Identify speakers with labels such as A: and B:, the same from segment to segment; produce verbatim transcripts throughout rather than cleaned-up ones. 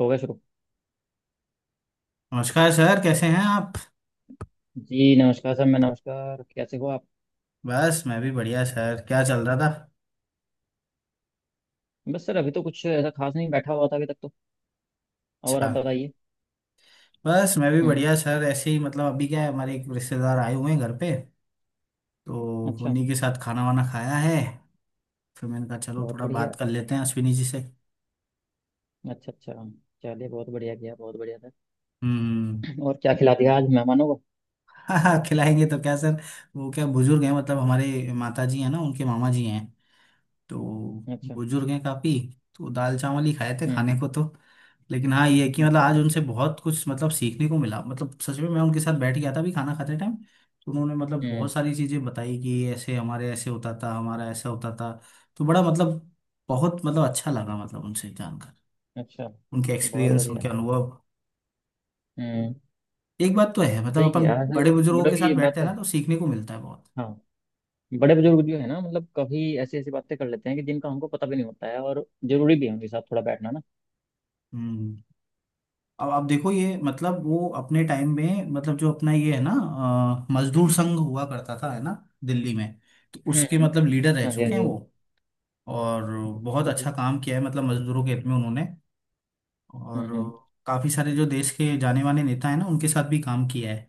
A: हो गया शुरू।
B: नमस्कार सर, कैसे हैं आप।
A: जी नमस्कार सर, मैं नमस्कार। कैसे हो आप।
B: बस मैं भी बढ़िया सर, क्या चल रहा था।
A: बस सर अभी तो कुछ ऐसा खास नहीं बैठा हुआ था अभी तक तो। और
B: अच्छा।
A: आप बताइए।
B: बस मैं भी
A: हम्म।
B: बढ़िया सर, ऐसे ही मतलब अभी क्या है, हमारे एक रिश्तेदार आए हुए हैं घर पे। तो
A: अच्छा।
B: उन्हीं के साथ खाना वाना खाया है। फिर मैंने कहा चलो
A: बहुत
B: थोड़ा
A: बढ़िया।
B: बात कर लेते हैं अश्विनी जी से।
A: अच्छा अच्छा। चलिए बहुत बढ़िया किया, बहुत बढ़िया सर।
B: हम्म।
A: और क्या खिला दिया आज मेहमानों को।
B: हाँ खिलाएंगे तो क्या सर। वो क्या बुजुर्ग हैं, मतलब हमारे माता जी हैं ना उनके मामा जी हैं। तो
A: अच्छा।
B: बुजुर्ग हैं काफी। तो दाल चावल ही खाए थे
A: हम्म।
B: खाने को तो। लेकिन हाँ ये है कि मतलब
A: अच्छा
B: आज
A: अच्छा
B: उनसे
A: अच्छा।
B: बहुत कुछ मतलब सीखने को मिला, मतलब सच में। मैं उनके साथ बैठ गया था भी खाना खाते टाइम। तो उन्होंने मतलब
A: हम्म।
B: बहुत सारी चीजें बताई कि ऐसे हमारे ऐसे होता था, हमारा ऐसा होता था। तो बड़ा मतलब बहुत मतलब अच्छा लगा मतलब उनसे जानकर,
A: अच्छा।
B: उनके
A: बहुत
B: एक्सपीरियंस,
A: बढ़िया।
B: उनके अनुभव।
A: हम्म।
B: एक बात तो है मतलब
A: सही
B: अपन
A: किया सर।
B: बड़े बुजुर्गों
A: बड़े
B: के
A: की
B: साथ
A: ये बात
B: बैठते हैं
A: तो
B: ना
A: है।
B: तो सीखने को मिलता है बहुत।
A: हाँ। बड़े बुजुर्ग जो है ना मतलब कभी ऐसी ऐसी बातें कर लेते हैं कि जिनका हमको पता भी नहीं होता है, और जरूरी भी है उनके साथ थोड़ा बैठना ना।
B: हम्म। अब आप देखो, ये मतलब वो अपने टाइम में मतलब जो अपना ये है ना, अ, मजदूर संघ हुआ करता था है ना, दिल्ली में। तो
A: हम्म
B: उसके
A: हम्म।
B: मतलब लीडर रह
A: हाँ जी हाँ
B: चुके हैं
A: जी।
B: वो। और
A: बहुत
B: बहुत
A: बढ़िया।
B: अच्छा काम किया है मतलब मजदूरों के हित में उन्होंने।
A: हम्म
B: और
A: हम्म।
B: काफी सारे जो देश के जाने माने नेता हैं ना, उनके साथ भी काम किया है।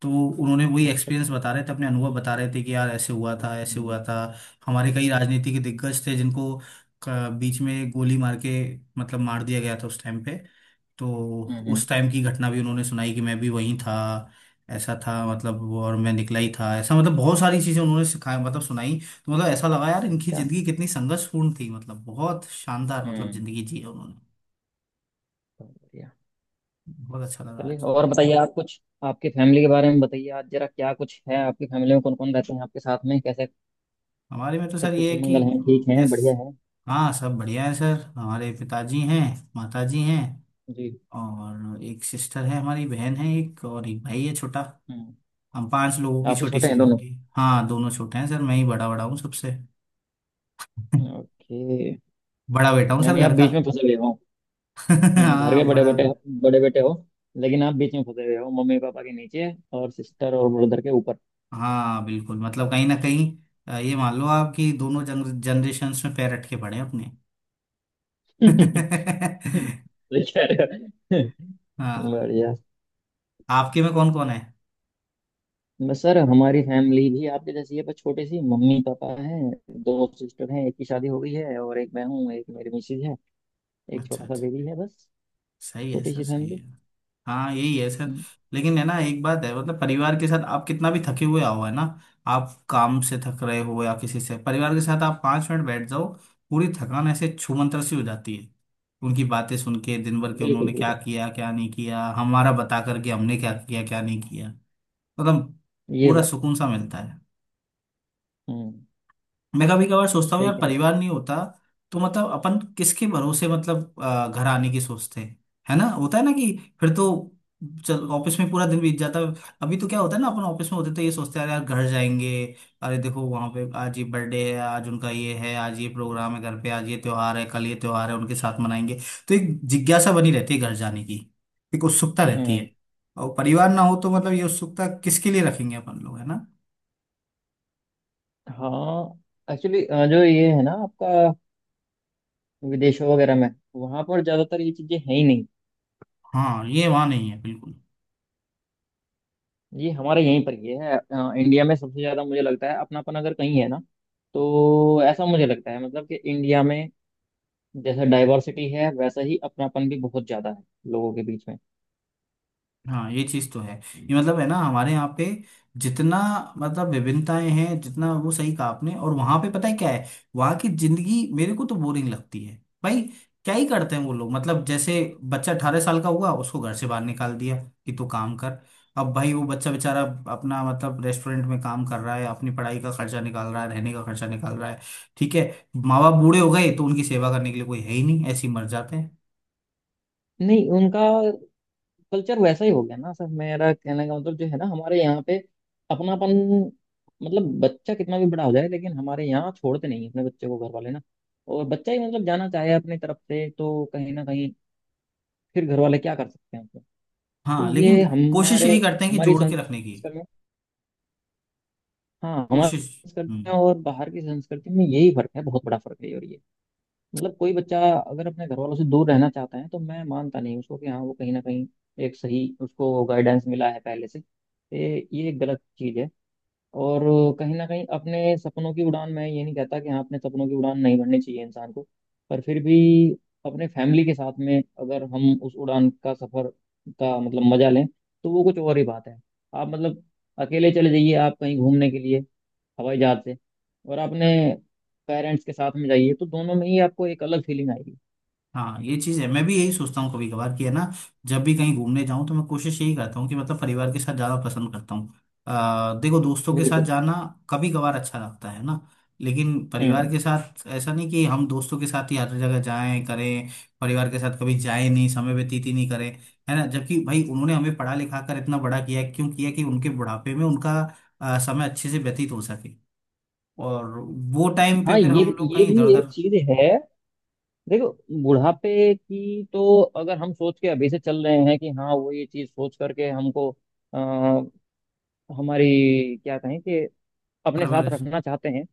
B: तो उन्होंने वही
A: अच्छा
B: एक्सपीरियंस
A: अच्छा।
B: बता रहे थे, अपने अनुभव बता रहे थे कि यार ऐसे हुआ था ऐसे
A: हम्म,
B: हुआ था। हमारे कई राजनीति के दिग्गज थे जिनको अ, बीच में गोली मार के मतलब मार दिया गया था उस टाइम पे। तो
A: हम्म, हम्म।
B: उस टाइम की घटना भी उन्होंने सुनाई कि मैं भी वहीं था, ऐसा था, मतलब और मैं निकला ही था ऐसा, मतलब बहुत सारी चीजें उन्होंने सिखाया मतलब सुनाई। तो मतलब ऐसा लगा यार इनकी
A: अच्छा।
B: जिंदगी कितनी संघर्षपूर्ण थी, मतलब बहुत शानदार मतलब
A: हम्म।
B: जिंदगी जी है उन्होंने।
A: बहुत बढ़िया।
B: बहुत अच्छा लगा
A: चलिए
B: आज।
A: और बताइए, आप कुछ आपकी फैमिली के बारे में बताइए आज जरा, क्या कुछ है आपकी फैमिली में, कौन कौन रहते हैं आपके साथ में, कैसे,
B: हमारे में तो
A: सब
B: सर ये है
A: कुशल
B: कि
A: मंगल हैं, ठीक हैं,
B: बस,
A: बढ़िया है।
B: हाँ सब बढ़िया है सर। हमारे पिताजी हैं, माताजी हैं,
A: जी।
B: और एक सिस्टर है, हमारी बहन है एक, और एक भाई है छोटा।
A: हम्म।
B: हम पांच लोगों की
A: आपसे
B: छोटी
A: छोटे
B: सी
A: हैं दोनों।
B: फैमिली। हाँ दोनों छोटे हैं सर, मैं ही बड़ा बड़ा हूँ सबसे।
A: ओके।
B: बड़ा बेटा हूँ सर
A: यानी आप
B: घर का।
A: बीच में फंसे हुए हो। हम्म, घर के
B: हाँ
A: बड़े
B: बड़ा।
A: बेटे। बड़े बेटे हो। लेकिन आप बीच में फंसे हुए हो, मम्मी पापा के नीचे और सिस्टर और ब्रदर के ऊपर।
B: हाँ बिल्कुल, मतलब कहीं ना कहीं अ, ये मान लो आप कि दोनों जनरेशन्स में पैर अटके पड़े हैं अपने।
A: सही कह रहे हो।
B: हाँ।
A: बढ़िया।
B: आपके में कौन कौन है।
A: बस सर, हमारी फैमिली भी आपके जैसी है, बस छोटी सी, मम्मी पापा हैं, दो सिस्टर हैं, एक की शादी हो गई है और एक मैं हूँ, एक मेरी मिसेज है, एक
B: अच्छा
A: छोटा सा
B: अच्छा।
A: बेबी है, बस।
B: सही है
A: छोटी
B: सर
A: सी
B: सही
A: फैमिली।
B: है। हाँ यही है सर।
A: हम्म।
B: लेकिन है ना, एक बात है, मतलब परिवार के साथ आप कितना भी थके हुए आओ है ना। आप काम से थक रहे हो या किसी से, परिवार के साथ आप पाँच मिनट बैठ जाओ, पूरी थकान ऐसे छूमंतर सी हो जाती है। उनकी बातें सुन के, दिन भर के
A: बिल्कुल
B: उन्होंने क्या
A: बिल्कुल।
B: किया क्या नहीं किया, हमारा बता करके हमने क्या किया क्या नहीं किया, मतलब
A: ये
B: पूरा
A: बात।
B: सुकून सा मिलता है।
A: हम्म।
B: मैं कभी कभार सोचता हूँ
A: सही
B: यार
A: कह रहे
B: परिवार नहीं होता तो मतलब अपन किसके भरोसे, मतलब अ, घर आने की सोचते हैं। है ना, होता है ना, कि फिर तो चल ऑफिस में पूरा दिन बीत जाता है। अभी तो क्या होता है ना, अपन ऑफिस में होते तो ये सोचते हैं अरे यार घर जाएंगे, अरे देखो वहां पे आज ये बर्थडे है, आज उनका ये है, आज ये प्रोग्राम है घर पे, आज ये त्योहार है, कल ये त्योहार है, उनके साथ मनाएंगे। तो एक जिज्ञासा बनी रहती है घर जाने की, एक उत्सुकता
A: हो।
B: रहती
A: हम्म।
B: है। और परिवार ना हो तो मतलब ये उत्सुकता किसके लिए रखेंगे अपन लोग, है ना।
A: हाँ एक्चुअली, जो ये है ना आपका, विदेशों वगैरह में वहां पर ज्यादातर ये चीजें हैं ही नहीं।
B: हाँ ये वहां नहीं है बिल्कुल।
A: ये हमारे यहीं पर ही है, अ, इंडिया में सबसे ज्यादा मुझे लगता है अपनापन अगर कहीं है ना, तो ऐसा मुझे लगता है मतलब कि इंडिया में जैसे डाइवर्सिटी है, वैसा ही अपनापन भी बहुत ज्यादा है लोगों के बीच में।
B: हाँ ये चीज तो है, ये मतलब है ना हमारे यहाँ पे, जितना मतलब विभिन्नताएं हैं जितना, वो सही कहा आपने। और वहां पे पता है क्या है, वहां की जिंदगी मेरे को तो बोरिंग लगती है भाई। क्या ही करते हैं वो लोग, मतलब जैसे बच्चा अठारह साल का हुआ, उसको घर से बाहर निकाल दिया कि तू काम कर। अब भाई वो बच्चा बेचारा, अपना मतलब रेस्टोरेंट में काम कर रहा है, अपनी पढ़ाई का खर्चा निकाल रहा है, रहने का खर्चा निकाल रहा है, ठीक है। माँ बाप बूढ़े हो गए तो उनकी सेवा करने के लिए कोई है ही नहीं, ऐसे ही मर जाते हैं।
A: नहीं उनका कल्चर वैसा ही हो गया ना सर, मेरा कहने का मतलब, जो है ना हमारे यहाँ पे अपनापन, मतलब बच्चा कितना भी बड़ा हो जाए लेकिन हमारे यहाँ छोड़ते नहीं हैं अपने बच्चे को घर वाले ना। और बच्चा ही मतलब जाना चाहे अपनी तरफ से, तो कहीं ना कहीं फिर घर वाले क्या कर सकते हैं उसमें। तो
B: हाँ लेकिन
A: ये
B: कोशिश
A: हमारे
B: यही करते हैं कि
A: हमारी
B: जोड़ के रखने की।
A: संस्कृति में। हाँ, हमारी
B: कोशिश।
A: संस्कृति में
B: हम्म।
A: और बाहर की संस्कृति में यही फर्क है, बहुत बड़ा फर्क है। और मतलब कोई बच्चा अगर अपने घर वालों से दूर रहना चाहता है, तो मैं मानता नहीं उसको कि हाँ वो कहीं ना कहीं एक सही उसको गाइडेंस मिला है पहले से। ये ये एक गलत चीज़ है। और कहीं ना कहीं अपने सपनों की उड़ान, मैं ये नहीं कहता कि हाँ अपने सपनों की उड़ान नहीं भरनी चाहिए इंसान को, पर फिर भी अपने फैमिली के साथ में अगर हम उस उड़ान का सफर का मतलब मजा लें, तो वो कुछ और ही बात है। आप मतलब अकेले चले जाइए, आप कहीं घूमने के लिए हवाई जहाज से, और आपने पेरेंट्स के साथ में जाइए, तो दोनों में ही आपको एक अलग फीलिंग आएगी।
B: हाँ ये चीज है, मैं भी यही सोचता हूँ कभी कभार कि है ना, जब भी कहीं घूमने जाऊं तो मैं कोशिश यही करता हूँ कि मतलब परिवार के साथ जाना पसंद करता हूँ। अ, देखो दोस्तों के साथ
A: बिल्कुल।
B: जाना कभी कभार अच्छा लगता है ना, लेकिन परिवार
A: हम्म।
B: के साथ, ऐसा नहीं कि हम दोस्तों के साथ ही हर जगह जाएं करें, परिवार के साथ कभी जाएं नहीं, समय व्यतीत ही नहीं करें। है ना, जबकि भाई उन्होंने हमें पढ़ा लिखा कर इतना बड़ा किया है, क्यों किया, कि उनके बुढ़ापे में उनका अ, समय अच्छे से व्यतीत हो सके, और वो टाइम पे
A: हाँ
B: फिर
A: ये
B: हम लोग
A: ये
B: कहीं
A: भी
B: इधर
A: एक
B: उधर।
A: चीज है। देखो बुढ़ापे की, तो अगर हम सोच के अभी से चल रहे हैं कि हाँ वो ये चीज सोच करके हमको आ, हमारी क्या कहें कि अपने साथ
B: परवरिश।
A: रखना चाहते हैं,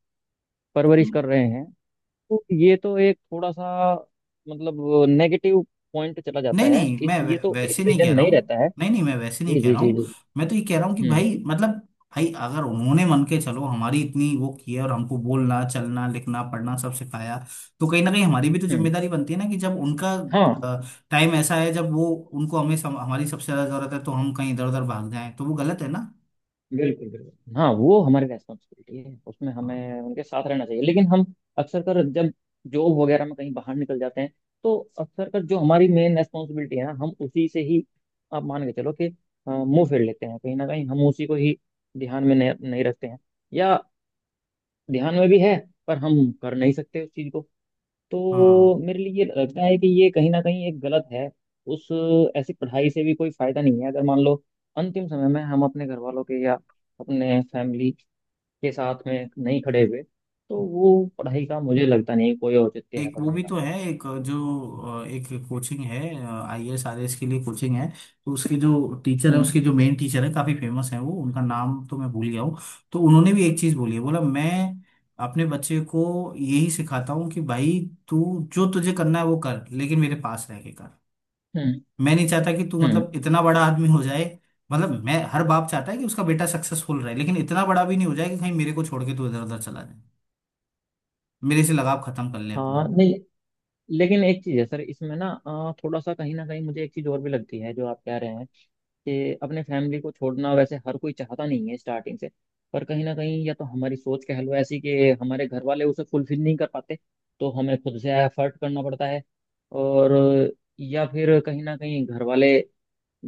A: परवरिश कर रहे हैं, तो ये तो एक थोड़ा सा मतलब नेगेटिव पॉइंट चला जाता
B: नहीं
A: है
B: नहीं
A: इस,
B: मैं वै,
A: ये तो एक
B: वैसे नहीं
A: रीजन
B: कह रहा
A: नहीं
B: हूँ।
A: रहता है।
B: नहीं नहीं मैं वैसे
A: जी
B: नहीं कह
A: जी
B: रहा
A: जी
B: हूँ।
A: जी।
B: मैं तो ये कह रहा हूँ कि
A: हम्म।
B: भाई मतलब, भाई अगर उन्होंने मन के, चलो हमारी इतनी वो की है, और हमको बोलना चलना लिखना पढ़ना सब सिखाया, तो कहीं ना कहीं हमारी भी तो
A: हम्म।
B: जिम्मेदारी बनती है ना, कि जब उनका
A: हाँ।
B: टाइम ऐसा है जब वो, उनको हमें सम, हमारी सबसे ज्यादा जरूरत है, तो हम कहीं इधर उधर भाग जाएं तो वो गलत है ना।
A: बिल्कुल बिल्कुल, हाँ वो हमारी रेस्पॉन्सिबिलिटी है, उसमें
B: हाँ।
A: हमें उनके साथ रहना चाहिए, लेकिन हम अक्सर कर जब जॉब वगैरह में कहीं बाहर निकल जाते हैं तो अक्सर कर जो हमारी मेन रेस्पॉन्सिबिलिटी है ना, हम उसी से ही, आप मान के चलो कि अ, मुंह फेर लेते हैं, कहीं ना कहीं हम उसी को ही ध्यान में नहीं, नहीं रखते हैं, या ध्यान में भी है पर हम कर नहीं सकते उस चीज को। तो
B: हाँ
A: मेरे लिए ये लगता है कि ये कहीं ना कहीं एक गलत है। उस ऐसी पढ़ाई से भी कोई फायदा नहीं है, अगर मान लो अंतिम समय में हम अपने घर वालों के या अपने फैमिली के साथ में नहीं खड़े हुए, तो वो पढ़ाई का मुझे लगता नहीं कोई औचित्य है
B: एक वो
A: पढ़ने
B: भी
A: का।
B: तो है, एक जो अ, एक कोचिंग है, आईएएस आरएएस के लिए कोचिंग है। तो उसके जो टीचर है,
A: हम्म
B: उसके जो मेन टीचर है काफी फेमस है वो, उनका नाम तो मैं भूल गया हूँ। तो उन्होंने भी एक चीज बोली है, बोला, मैं अपने बच्चे को यही सिखाता हूँ कि भाई, तू जो तुझे करना है वो कर, लेकिन मेरे पास रह के कर।
A: हम्म
B: मैं नहीं चाहता कि तू
A: हम्म।
B: मतलब इतना बड़ा आदमी हो जाए, मतलब मैं, हर बाप चाहता है कि उसका बेटा सक्सेसफुल रहे, लेकिन इतना बड़ा भी नहीं हो जाए कि कहीं मेरे को छोड़ के तू इधर उधर चला जाए, मेरे से लगाव खत्म कर ले अपना।
A: हाँ नहीं, लेकिन एक चीज़ है सर इसमें ना, अ, थोड़ा सा कहीं ना कहीं मुझे एक चीज़ और भी लगती है जो आप कह रहे हैं, कि अपने फैमिली को छोड़ना वैसे हर कोई चाहता नहीं है स्टार्टिंग से। पर कहीं ना कहीं या तो हमारी सोच कह लो ऐसी कि हमारे घर वाले उसे फुलफिल नहीं कर पाते, तो हमें खुद से एफर्ट करना पड़ता है। और या फिर कहीं ना कहीं घर वाले,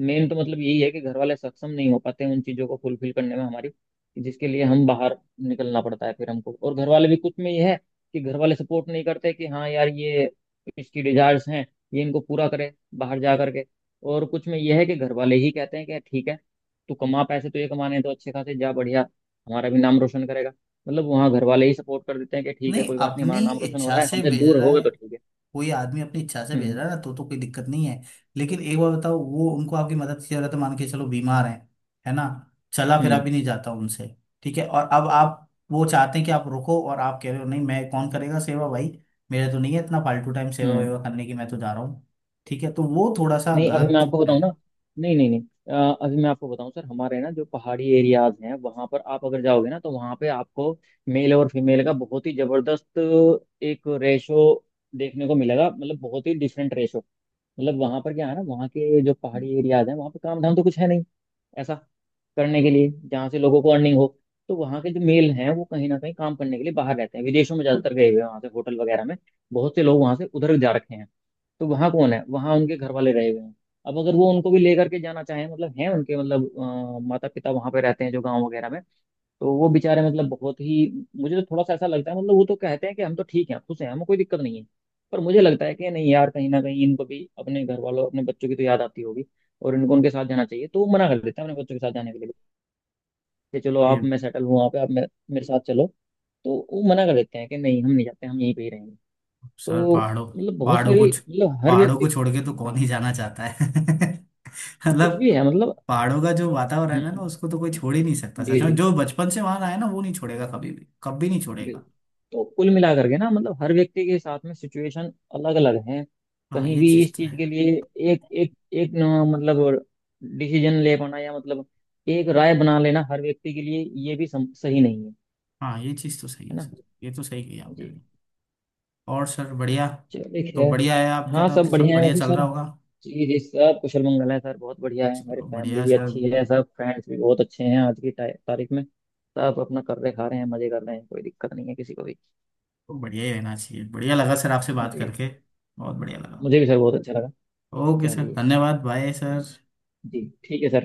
A: मेन तो मतलब यही है कि घर वाले सक्षम नहीं हो पाते उन चीज़ों को फुलफिल करने में हमारी, कि जिसके लिए हम बाहर निकलना पड़ता है फिर हमको, और घर वाले भी कुछ में ये है कि घर वाले सपोर्ट नहीं करते कि हाँ यार ये इसकी डिजायर्स हैं, ये इनको पूरा करे बाहर जा करके। और कुछ में ये है कि घर वाले ही कहते हैं कि ठीक है, तू कमा पैसे, तो ये कमाने हैं, तो अच्छे खासे जा, बढ़िया, हमारा भी नाम रोशन करेगा। मतलब वहाँ घर वाले ही सपोर्ट कर देते हैं कि ठीक है
B: नहीं,
A: कोई बात नहीं,
B: अपनी
A: हमारा नाम रोशन हो
B: इच्छा
A: रहा है,
B: से
A: हमसे
B: भेज
A: दूर
B: रहा
A: रहोगे
B: है,
A: तो ठीक है।
B: कोई आदमी अपनी इच्छा से भेज
A: हम्म
B: रहा है ना, तो तो कोई दिक्कत नहीं है। लेकिन एक बार बताओ, वो उनको आपकी मदद की जरूरत है, मान के चलो बीमार है है ना, चला फिरा
A: हम्म
B: भी नहीं जाता उनसे, ठीक है। और अब आप वो चाहते हैं कि आप रुको, और आप कह रहे हो नहीं, मैं, कौन करेगा सेवा भाई, मेरा तो नहीं है इतना फालतू टाइम सेवा
A: हम्म।
B: वेवा करने की, मैं तो जा रहा हूँ, ठीक है, तो वो थोड़ा सा
A: नहीं अभी मैं
B: गलत
A: आपको
B: है।
A: बताऊं ना। नहीं नहीं नहीं। अ, अभी मैं आपको बताऊं सर, हमारे ना जो पहाड़ी एरियाज हैं वहां पर आप अगर जाओगे ना, तो वहां पे आपको मेल और फीमेल का बहुत ही जबरदस्त एक रेशो देखने को मिलेगा, मतलब बहुत ही डिफरेंट रेशो। मतलब वहां पर क्या है ना, वहाँ के जो पहाड़ी एरियाज हैं, वहां पे काम धाम तो कुछ है नहीं ऐसा करने के लिए जहाँ से लोगों को अर्निंग हो। तो वहाँ के जो मेल हैं वो कहीं ना कहीं काम करने के लिए बाहर रहते हैं विदेशों में, ज्यादातर गए हुए हैं वहाँ से होटल वगैरह में। बहुत से लोग वहाँ से उधर जा रखे हैं। तो वहाँ कौन है, वहाँ उनके घर वाले रहे हुए हैं। अब अगर वो उनको भी लेकर के जाना चाहें, मतलब हैं उनके, मतलब माता पिता वहाँ पे रहते हैं जो गाँव वगैरह में, तो वो बेचारे, मतलब बहुत ही, मुझे तो थोड़ा सा ऐसा लगता है, मतलब वो तो कहते हैं कि हम तो ठीक हैं, खुश हैं, हमें कोई दिक्कत नहीं है। पर मुझे लगता है कि नहीं यार, कहीं ना कहीं इनको भी अपने घर वालों, अपने बच्चों की तो याद आती होगी, और इनको उनके साथ जाना चाहिए, तो वो मना कर देते हैं अपने बच्चों के साथ जाने के लिए कि चलो
B: ये
A: आप, मैं सेटल हूँ वहाँ पे, आप मे- मेरे साथ चलो। तो वो मना कर देते हैं कि नहीं हम नहीं जाते, हम यहीं पे ही रहेंगे।
B: सर
A: तो
B: पहाड़ों
A: मतलब बहुत
B: पहाड़ों को
A: सारी,
B: छ-
A: मतलब हर
B: पहाड़ों को
A: व्यक्ति।
B: छोड़ के तो कौन
A: हाँ।
B: ही जाना चाहता है।
A: कुछ
B: मतलब
A: भी है मतलब।
B: पहाड़ों का जो वातावरण है ना
A: हम्म।
B: उसको तो कोई छोड़ ही नहीं सकता, सच
A: जी जी।
B: में, जो बचपन से वहां आया ना वो नहीं छोड़ेगा कभी भी, कभी नहीं छोड़ेगा।
A: बिल्कुल। तो कुल मिला करके ना, मतलब हर व्यक्ति के साथ में सिचुएशन अलग अलग है।
B: हाँ
A: कहीं
B: ये
A: भी
B: चीज
A: इस
B: तो
A: चीज के
B: है।
A: लिए एक एक एक न, मतलब डिसीजन ले पाना, या मतलब एक राय बना लेना हर व्यक्ति के लिए, ये भी सम, सही नहीं है।
B: हाँ ये चीज तो सही
A: है
B: है
A: ना।
B: सर, ये तो सही कही आपने
A: जी।
B: भी। और सर बढ़िया,
A: चलिए
B: तो
A: खैर।
B: बढ़िया है आपका,
A: हाँ
B: तो तो
A: सब
B: सब
A: बढ़िया है
B: बढ़िया
A: वैसे
B: चल
A: सर।
B: रहा होगा।
A: जी जी, सब कुशल मंगल है सर, बहुत बढ़िया है, मेरी
B: चलो
A: फैमिली
B: बढ़िया
A: भी
B: सर,
A: अच्छी है, सब फ्रेंड्स भी बहुत अच्छे हैं आज की ता- तारीख में। सब अपना कर रहे, खा रहे हैं, मजे कर रहे हैं, कोई दिक्कत नहीं है किसी को भी।
B: तो बढ़िया ही रहना चाहिए। बढ़िया लगा सर आपसे बात
A: जी।
B: करके, बहुत बढ़िया लगा।
A: मुझे भी सर बहुत अच्छा लगा।
B: ओके सर
A: चलिए।
B: धन्यवाद, बाय सर।
A: जी ठीक है सर।